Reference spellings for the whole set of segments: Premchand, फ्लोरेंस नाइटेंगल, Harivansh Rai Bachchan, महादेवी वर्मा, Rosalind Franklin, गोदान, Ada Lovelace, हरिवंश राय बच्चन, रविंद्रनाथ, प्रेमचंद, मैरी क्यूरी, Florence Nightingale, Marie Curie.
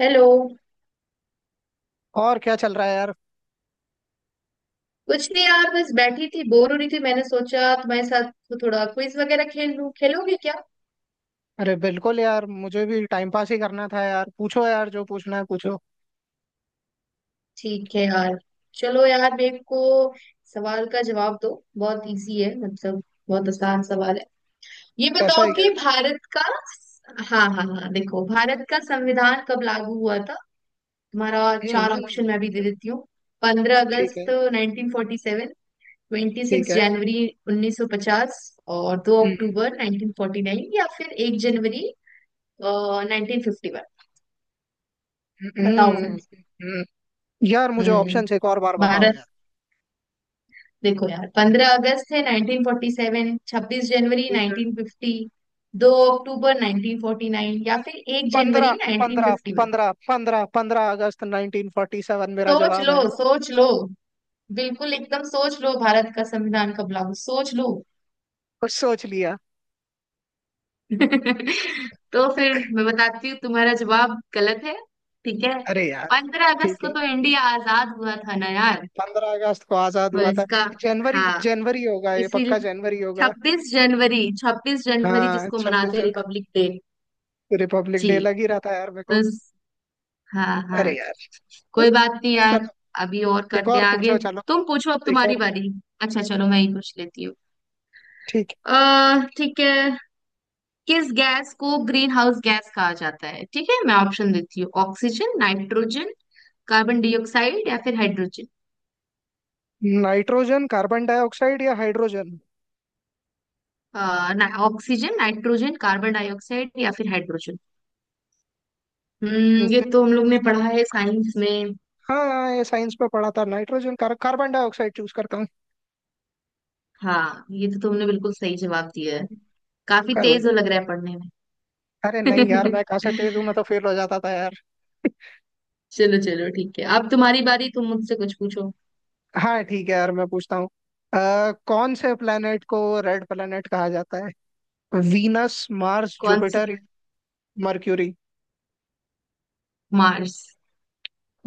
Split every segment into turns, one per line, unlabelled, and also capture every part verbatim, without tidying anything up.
Hello.
और क्या चल रहा है यार।
कुछ नहीं यार, बस बैठी थी, बोर हो रही थी। मैंने सोचा तुम्हारे साथ तो थोड़ा क्विज वगैरह खेल लूं, खेलोगे क्या?
अरे बिल्कुल यार, मुझे भी टाइम पास ही करना था यार। पूछो यार, जो पूछना है पूछो।
ठीक है यार। चलो यार, मेरे को सवाल का जवाब दो, बहुत इजी है मतलब, बहुत आसान सवाल है। ये
ऐसा
बताओ
ही क्या।
कि भारत का, हाँ हाँ हाँ, देखो भारत का संविधान कब लागू हुआ था? तुम्हारा, चार
हम्म।
ऑप्शन मैं भी दे देती हूँ। पंद्रह
ठीक
अगस्त
है।
नाइनटीन फोर्टी सेवन ट्वेंटी
ठीक
सिक्स
है।
जनवरी उन्नीस सौ पचास और दो
हम्म।
अक्टूबर नाइनटीन फोर्टी नाइन या फिर एक जनवरी नाइनटीन फिफ्टी वन। बताओ
हम्म।
फिर।
हम्म। हम्म। यार मुझे
हम्म
ऑप्शन एक और बार बताओ
भारत,
यार।
देखो यार पंद्रह अगस्त है नाइनटीन फोर्टी सेवन, छब्बीस जनवरी
ठीक है।
नाइनटीन फिफ्टी दो अक्टूबर नाइनटीन फोर्टी नाइन, या फिर एक
पंद्रह
जनवरी नाइनटीन
पंद्रह
फिफ्टी वन।
पंद्रह पंद्रह पंद्रह अगस्त नाइनटीन फोर्टी सेवन मेरा
सोच
जवाब
लो
है।
सोच लो, बिल्कुल एकदम सोच लो, भारत का संविधान कब लागू, सोच लो।
कुछ सोच लिया।
तो फिर मैं बताती हूँ, तुम्हारा जवाब गलत है। ठीक है।
अरे यार।
पंद्रह अगस्त
ठीक
को
है।
तो इंडिया आजाद हुआ था ना यार।
पंद्रह अगस्त को आजाद
तो
हुआ था।
इसका,
जनवरी।
हाँ,
जनवरी होगा, ये
इसीलिए
पक्का जनवरी होगा।
छब्बीस जनवरी, छब्बीस जनवरी
हाँ
जिसको
छब्बीस
मनाते हैं
जनवरी।
Republic day.
रिपब्लिक
जी,
डे लग ही रहा था यार मेरे को।
बस। हाँ हाँ।
अरे यार।
कोई बात नहीं यार,
चलो।
अभी और
एक
करते
और
हैं आगे।
पूछो चलो।
तुम पूछो, अब
एक
तुम्हारी
और।
बारी। अच्छा चलो, मैं ही पूछ लेती हूँ।
ठीक
अः ठीक है। किस गैस को ग्रीन हाउस गैस कहा जाता है? ठीक है, मैं ऑप्शन देती हूँ, ऑक्सीजन, नाइट्रोजन, कार्बन डाइऑक्साइड, या फिर हाइड्रोजन।
है। नाइट्रोजन कार्बन डाइऑक्साइड या हाइड्रोजन।
अ, ना, ऑक्सीजन, नाइट्रोजन, कार्बन डाइऑक्साइड, या फिर हाइड्रोजन। हम्म ये तो हम लोग ने पढ़ा है साइंस में।
हाँ ये साइंस में पढ़ा था। Nitrogen car, carbon dioxide choose करता हूँ।
हाँ ये तो तुमने बिल्कुल सही जवाब दिया है, काफी
कार्बन
तेज हो
डाइ-
लग रहा है पढ़ने में।
अरे नहीं यार, मैं कहाँ से तेज हूँ, मैं तो फेल हो जाता था यार।
चलो चलो ठीक है, अब तुम्हारी बारी, तुम मुझसे कुछ पूछो।
हाँ ठीक है यार, मैं पूछता हूँ। अ, कौन से प्लेनेट को रेड प्लेनेट कहा जाता है। वीनस, मार्स,
कौन सी?
Jupiter, Mercury.
मार्स।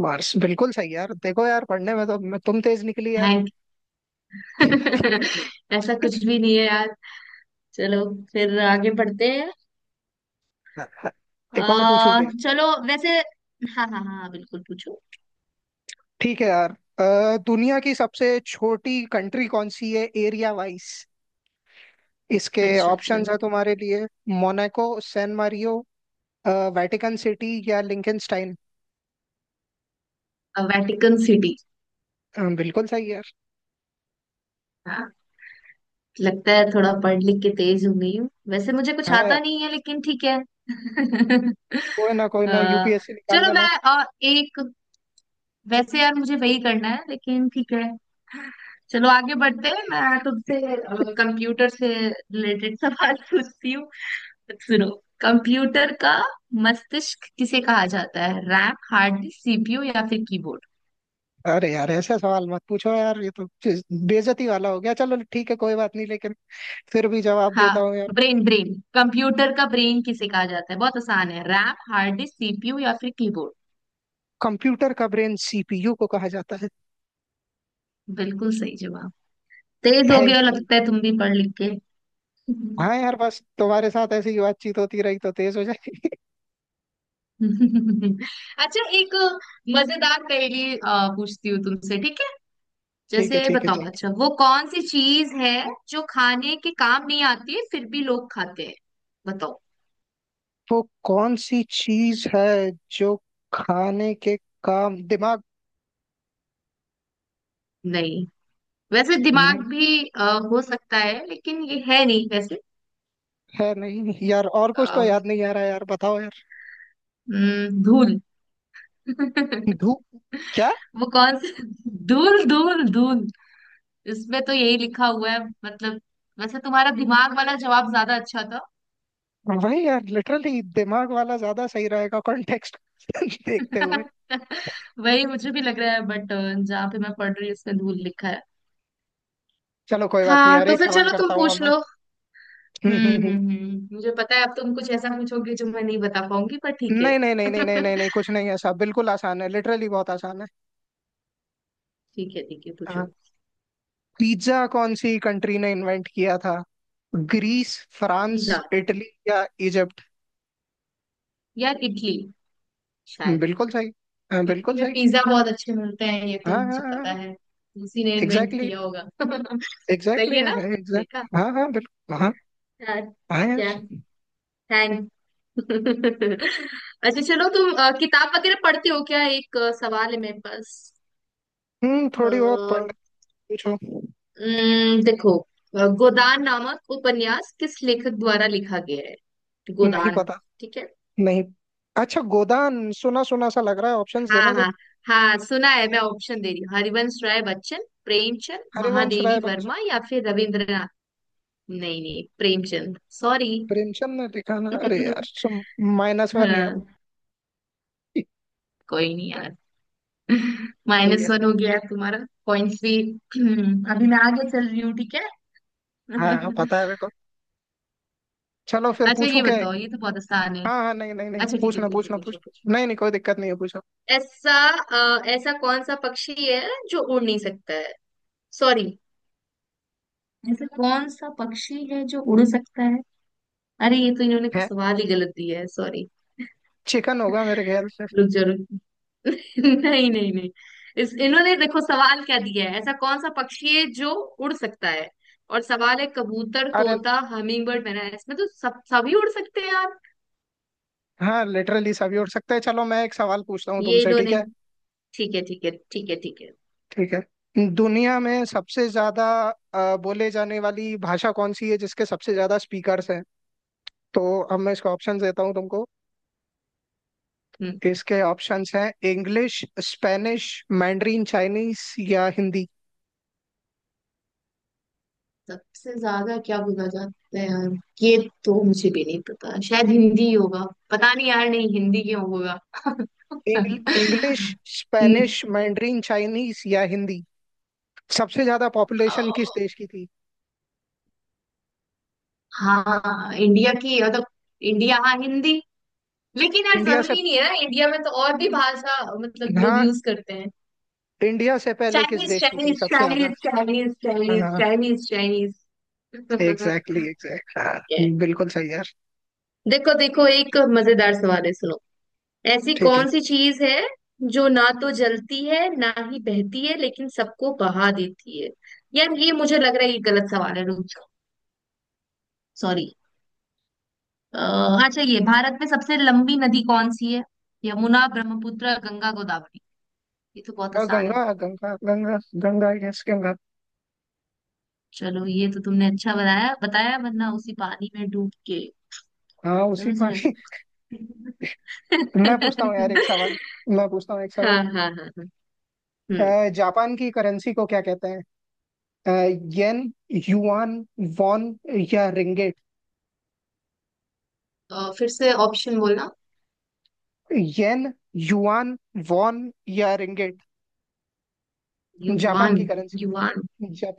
मार्स बिल्कुल सही यार। देखो यार पढ़ने में तो मैं तुम तेज निकली यार।
थैंक, ऐसा कुछ भी नहीं है यार। चलो फिर आगे बढ़ते हैं। आ,
एक और पूछूं।
चलो वैसे। हाँ हाँ हाँ हाँ, बिल्कुल पूछो।
ठीक है यार। अ, दुनिया की सबसे छोटी कंट्री कौन सी है एरिया वाइज। इसके
अच्छा अच्छा।
ऑप्शंस है तुम्हारे लिए। Monaco, San Mario, Vatican City या लिंकनस्टाइन।
Vatican city.
बिल्कुल सही यार।
लगता है थोड़ा पढ़ लिख के तेज हो गई हूँ, वैसे मुझे कुछ
हाँ यार।
आता नहीं है लेकिन ठीक है।
कोई ना, कोई
अ,
ना, यूपीएससी निकाल
चलो
लेना।
मैं अ, एक, वैसे यार मुझे वही करना है लेकिन ठीक है। चलो आगे बढ़ते हैं, मैं तुमसे कंप्यूटर से रिलेटेड सवाल पूछती हूँ। सुनो, कंप्यूटर का मस्तिष्क किसे कहा जाता है? रैम, हार्ड डिस्क, सीपीयू, या फिर कीबोर्ड?
अरे यार ऐसा सवाल मत पूछो यार, ये तो चीज़- बेइज्जती वाला हो गया। चलो ठीक है कोई बात नहीं, लेकिन फिर भी जवाब देता
हाँ,
हूँ यार।
ब्रेन ब्रेन, कंप्यूटर का ब्रेन किसे कहा जाता है, बहुत आसान है, रैम, हार्ड डिस्क, सीपीयू, या फिर कीबोर्ड?
कंप्यूटर का ब्रेन सीपीयू को कहा जाता है।
बिल्कुल सही जवाब। तेज हो गए हो
थैंक यू।
लगता है तुम भी पढ़ लिख के।
हाँ यार, बस तुम्हारे साथ ऐसी ही बातचीत होती रही तो तेज हो जाए।
अच्छा, एक मजेदार पहेली अ, पूछती हूँ तुमसे, ठीक है?
ठीक है,
जैसे
ठीक है,
बताओ,
ठीक
अच्छा वो कौन सी चीज है जो खाने के काम नहीं आती है फिर भी लोग खाते हैं? बताओ।
है। वो कौन सी चीज है जो खाने के काम, दिमाग।
नहीं, वैसे दिमाग
नहीं।
भी अ, हो सकता है लेकिन ये है नहीं वैसे।
है नहीं यार, और कुछ तो
अ,
याद नहीं आ रहा यार, बताओ यार।
हम्म, धूल।
धूप। क्या।
वो कौन सी, धूल धूल धूल, इसमें तो यही लिखा हुआ है मतलब। वैसे तुम्हारा दिमाग वाला जवाब ज्यादा अच्छा था।
वही यार, लिटरली दिमाग वाला ज्यादा सही रहेगा, कॉन्टेक्स्ट देखते हुए।
वही मुझे भी लग रहा है बट जहाँ पे मैं पढ़ रही हूँ इसमें धूल लिखा है।
चलो कोई बात नहीं
हाँ,
यार,
तो
एक
फिर
सवाल
चलो तुम
करता हूँ अब
पूछ
मैं।
लो।
हम्म, हम्म,
हम्म हम्म
हम्म।
हम्म, मुझे पता है अब तुम कुछ ऐसा पूछोगे जो मैं नहीं बता पाऊंगी, पर ठीक है।
नहीं नहीं नहीं नहीं नहीं नहीं नहीं, कुछ नहीं ऐसा, बिल्कुल आसान है, लिटरली बहुत आसान है।
ठीक है ठीक है, पूछो।
हाँ। पिज्जा कौन सी कंट्री ने इन्वेंट किया था। ग्रीस, फ्रांस,
पिज्जा,
इटली या इजिप्ट।
या इडली?
हम्म,
शायद।
बिल्कुल सही। हाँ, बिल्कुल
इटली में
सही।
पिज्जा बहुत अच्छे मिलते हैं, ये तो
हाँ हाँ
मुझे पता
हाँ।
है। उसी ने इन्वेंट
एग्जैक्टली।
किया होगा।
एग्जैक्टली
सही है ना?
है एग्जैक्ट।
देखा।
हाँ हाँ बिल्कुल हाँ।
हाँ,
हाँ यार।
क्या? थैंक, अच्छा चलो तुम अ, किताब वगैरह पढ़ती हो क्या? एक अ, सवाल है मेरे पास।
हम्म, थोड़ी बहुत पढ़ ले।
अ,
पूछो।
उम्म, देखो, अ, गोदान नामक उपन्यास किस लेखक द्वारा लिखा गया है?
नहीं
गोदान।
पता।
ठीक है।
नहीं। अच्छा गोदान सुना सुना सा लग रहा है, ऑप्शंस
हाँ
देना
हाँ,
जरा।
हाँ सुना है, मैं ऑप्शन दे रही हूँ, हरिवंश राय बच्चन, प्रेमचंद,
हरिवंश राय
महादेवी
बच्चन।
वर्मा, या फिर रविंद्रनाथ। नहीं नहीं, प्रेमचंद, सॉरी।
प्रेमचंद ने लिखा ना। अरे यार सुन। माइनस वन यार।
हाँ, कोई नहीं यार।
ठीक
माइनस
है।
वन हो गया है तुम्हारा, पॉइंट्स भी। अभी मैं आगे चल रही हूँ, ठीक है?
हाँ हाँ, पता है मेरे को। चलो फिर
अच्छा
पूछू
ये
क्या एक।
बताओ, ये तो बहुत आसान है।
हाँ हाँ, नहीं नहीं नहीं,
अच्छा ठीक है
पूछना
ठीक है,
पूछना
पूछो
पूछ।
पूछो।
नहीं नहीं, कोई दिक्कत नहीं है, पूछो।
ऐसा, अ, ऐसा कौन सा पक्षी है जो उड़ नहीं सकता है? सॉरी, ऐसा कौन सा पक्षी है जो उड़ सकता है? अरे ये तो इन्होंने कुछ
है।
सवाल ही गलत दिया है, सॉरी।
चिकन होगा मेरे ख्याल से।
रुक जा रुक! नहीं नहीं नहीं, इस इन्होंने देखो सवाल क्या दिया है, ऐसा कौन सा पक्षी है जो उड़ सकता है? और सवाल है कबूतर,
अरे।
तोता, हमिंग बर्ड, मैना, इसमें तो सब सभी उड़ सकते हैं यार।
हाँ लिटरली सभी उड़ सकते हैं, चलो मैं एक सवाल पूछता हूँ
ये
तुमसे, ठीक
इन्होंने,
है।
ठीक है ठीक है ठीक है ठीक है।
ठीक है, दुनिया में सबसे ज्यादा अ, बोले जाने वाली भाषा कौन सी है जिसके सबसे ज्यादा स्पीकर्स हैं। तो अब मैं इसको ऑप्शन देता हूँ तुमको।
हम्म,
इसके ऑप्शंस हैं इंग्लिश, स्पेनिश, मैंड्रीन चाइनीस या हिंदी।
सबसे ज्यादा क्या बोला जाता है यार? ये तो मुझे भी नहीं पता, शायद हिंदी ही होगा। पता नहीं यार, नहीं हिंदी क्यों होगा?
इंग्लिश,
हम्म,
स्पेनिश, मैंड्रीन चाइनीस या हिंदी। सबसे ज्यादा
अ,
पॉपुलेशन किस देश की थी।
हाँ इंडिया की मतलब, इंडिया, हाँ हिंदी। लेकिन यार
इंडिया से।
जरूरी नहीं है ना, इंडिया में तो और भी भाषा मतलब लोग
हाँ
यूज करते हैं।
इंडिया से पहले किस
चाइनीज,
देश की थी
चाइनीज,
सबसे ज्यादा।
चाइनीज, चाइनीज, चाइनीज,
हाँ।
Chinese, Chinese.
एग्जैक्टली एग्जैक्ट हाँ। बिल्कुल सही यार।
देखो देखो, एक मजेदार सवाल है, सुनो। ऐसी
ठीक है।
कौन सी चीज है जो ना तो जलती है ना ही बहती है लेकिन सबको बहा देती है? यार ये मुझे लग रहा है ये गलत सवाल है, रुक जाओ, सॉरी। अच्छा, ये भारत में सबसे लंबी नदी कौन सी है? यमुना, ब्रह्मपुत्र, गंगा, गोदावरी? ये तो बहुत
हाँ
आसान है।
गंगा गंगा गंगा। गंगा यस गंगा।
चलो ये तो तुमने अच्छा बताया बताया, वरना उसी पानी में डूब के,
हाँ उसी
समझ रहे
पानी।
हो?
मैं पूछता हूँ यार एक सवाल। मैं पूछता हूँ एक
हाँ
सवाल।
हाँ हाँ हाँ।
अ,
हम्म
जापान की करेंसी को क्या कहते हैं। अ, येन, युआन, वॉन या रिंगेट।
अ, फिर से ऑप्शन बोलना।
येन, युआन, वॉन या रिंगेट। जापान
युवान,
की currency.
Yuan,
Jap,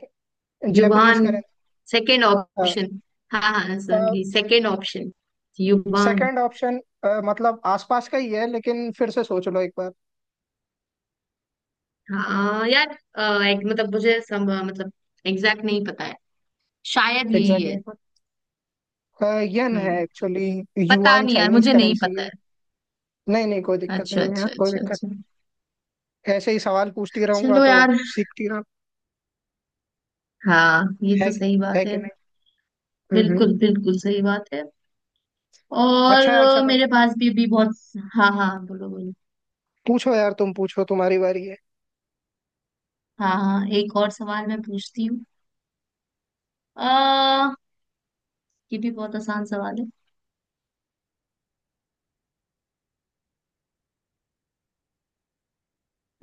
Japanese
yuan,
currency.
Second
हाँ
ऑप्शन। हाँ हाँ सर, ये second option, yuan.
Second option. मतलब आसपास का ही है, लेकिन फिर से सोच लो एक बार।
हाँ यार, अ, एक, मतलब मुझे सम, मतलब एग्जैक्ट नहीं पता है, शायद यही
एग्जैक्टली।
है।
अ, यन है
हम्म,
एक्चुअली।
पता
युआन
नहीं यार,
चाइनीज
मुझे नहीं
करेंसी
पता
है। नहीं नहीं कोई
है।
दिक्कत
अच्छा
नहीं है यार,
अच्छा
कोई
अच्छा
दिक्कत
अच्छा।
ऐसे ही सवाल पूछती रहूंगा
चलो
तो
यार।
सीखती रह।
हाँ ये
है।
तो सही
है
बात
कि
है।
नहीं। हम्म, हम्म।
बिल्कुल बिल्कुल सही बात है। और
अच्छा यार
अ,
चलो।
मेरे पास भी अभी बहुत, हाँ हाँ बोलो बोलो।
पूछो यार, तुम पूछो, तुम्हारी बारी है।
हाँ हाँ, एक और सवाल मैं पूछती हूँ। अः ये भी बहुत आसान सवाल है,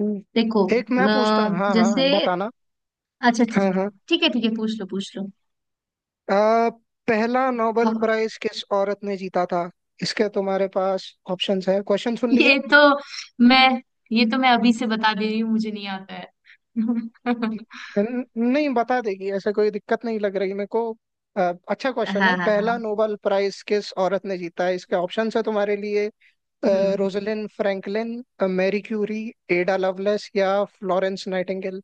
हम्म।
देखो
एक मैं
अ,
पूछता हूँ, हाँ हाँ
जैसे,
बताना।
अच्छा
हाँ
ठीक,
हाँ।
ठीक है ठीक है, पूछ लो पूछ लो।
अ, पहला नोबेल
हाँ,
प्राइज किस औरत ने जीता था। इसके तुम्हारे पास ऑप्शंस है, क्वेश्चन सुन लिया।
ये तो मैं ये तो मैं अभी से बता दे रही हूँ, मुझे नहीं आता है।
न- नहीं बता देगी ऐसा कोई दिक्कत नहीं लग रही मेरे को। अ, अच्छा क्वेश्चन है,
हाँ हाँ
पहला
हाँ।
नोबेल प्राइज किस औरत ने जीता है। इसके ऑप्शंस है तुम्हारे लिए।
हम्म,
Rosalind Franklin, मैरी क्यूरी, Ada Lovelace या फ्लोरेंस नाइटिंगेल।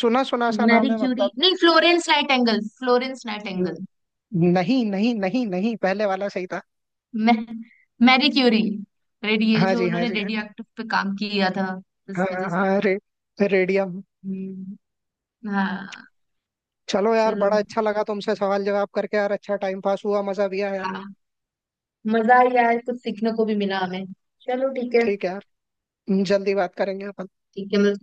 सुना सुना सा
मैरी
नाम है
क्यूरी।
मतलब।
नहीं, फ्लोरेंस नाइटेंगल, फ्लोरेंस
न-
नाइटेंगल।
नहीं नहीं नहीं नहीं, पहले वाला सही था।
मैं मैरी क्यूरी। रेडिए
हाँ
जो
जी हाँ
उन्होंने
जी
रेडियो
हाँ।
एक्टिव पे काम किया था,
हाँ
इस वजह से।
हाँ, रे, रेडियम।
हम्म, हाँ।
चलो यार
चलो,
बड़ा अच्छा लगा तुमसे सवाल जवाब करके यार, अच्छा टाइम पास हुआ, मजा भी आया।
हाँ, मजा आया यार, कुछ सीखने को भी मिला हमें। चलो ठीक है।
ठीक है। यार जल्दी बात करेंगे अपन।
ठीक है, मिलते।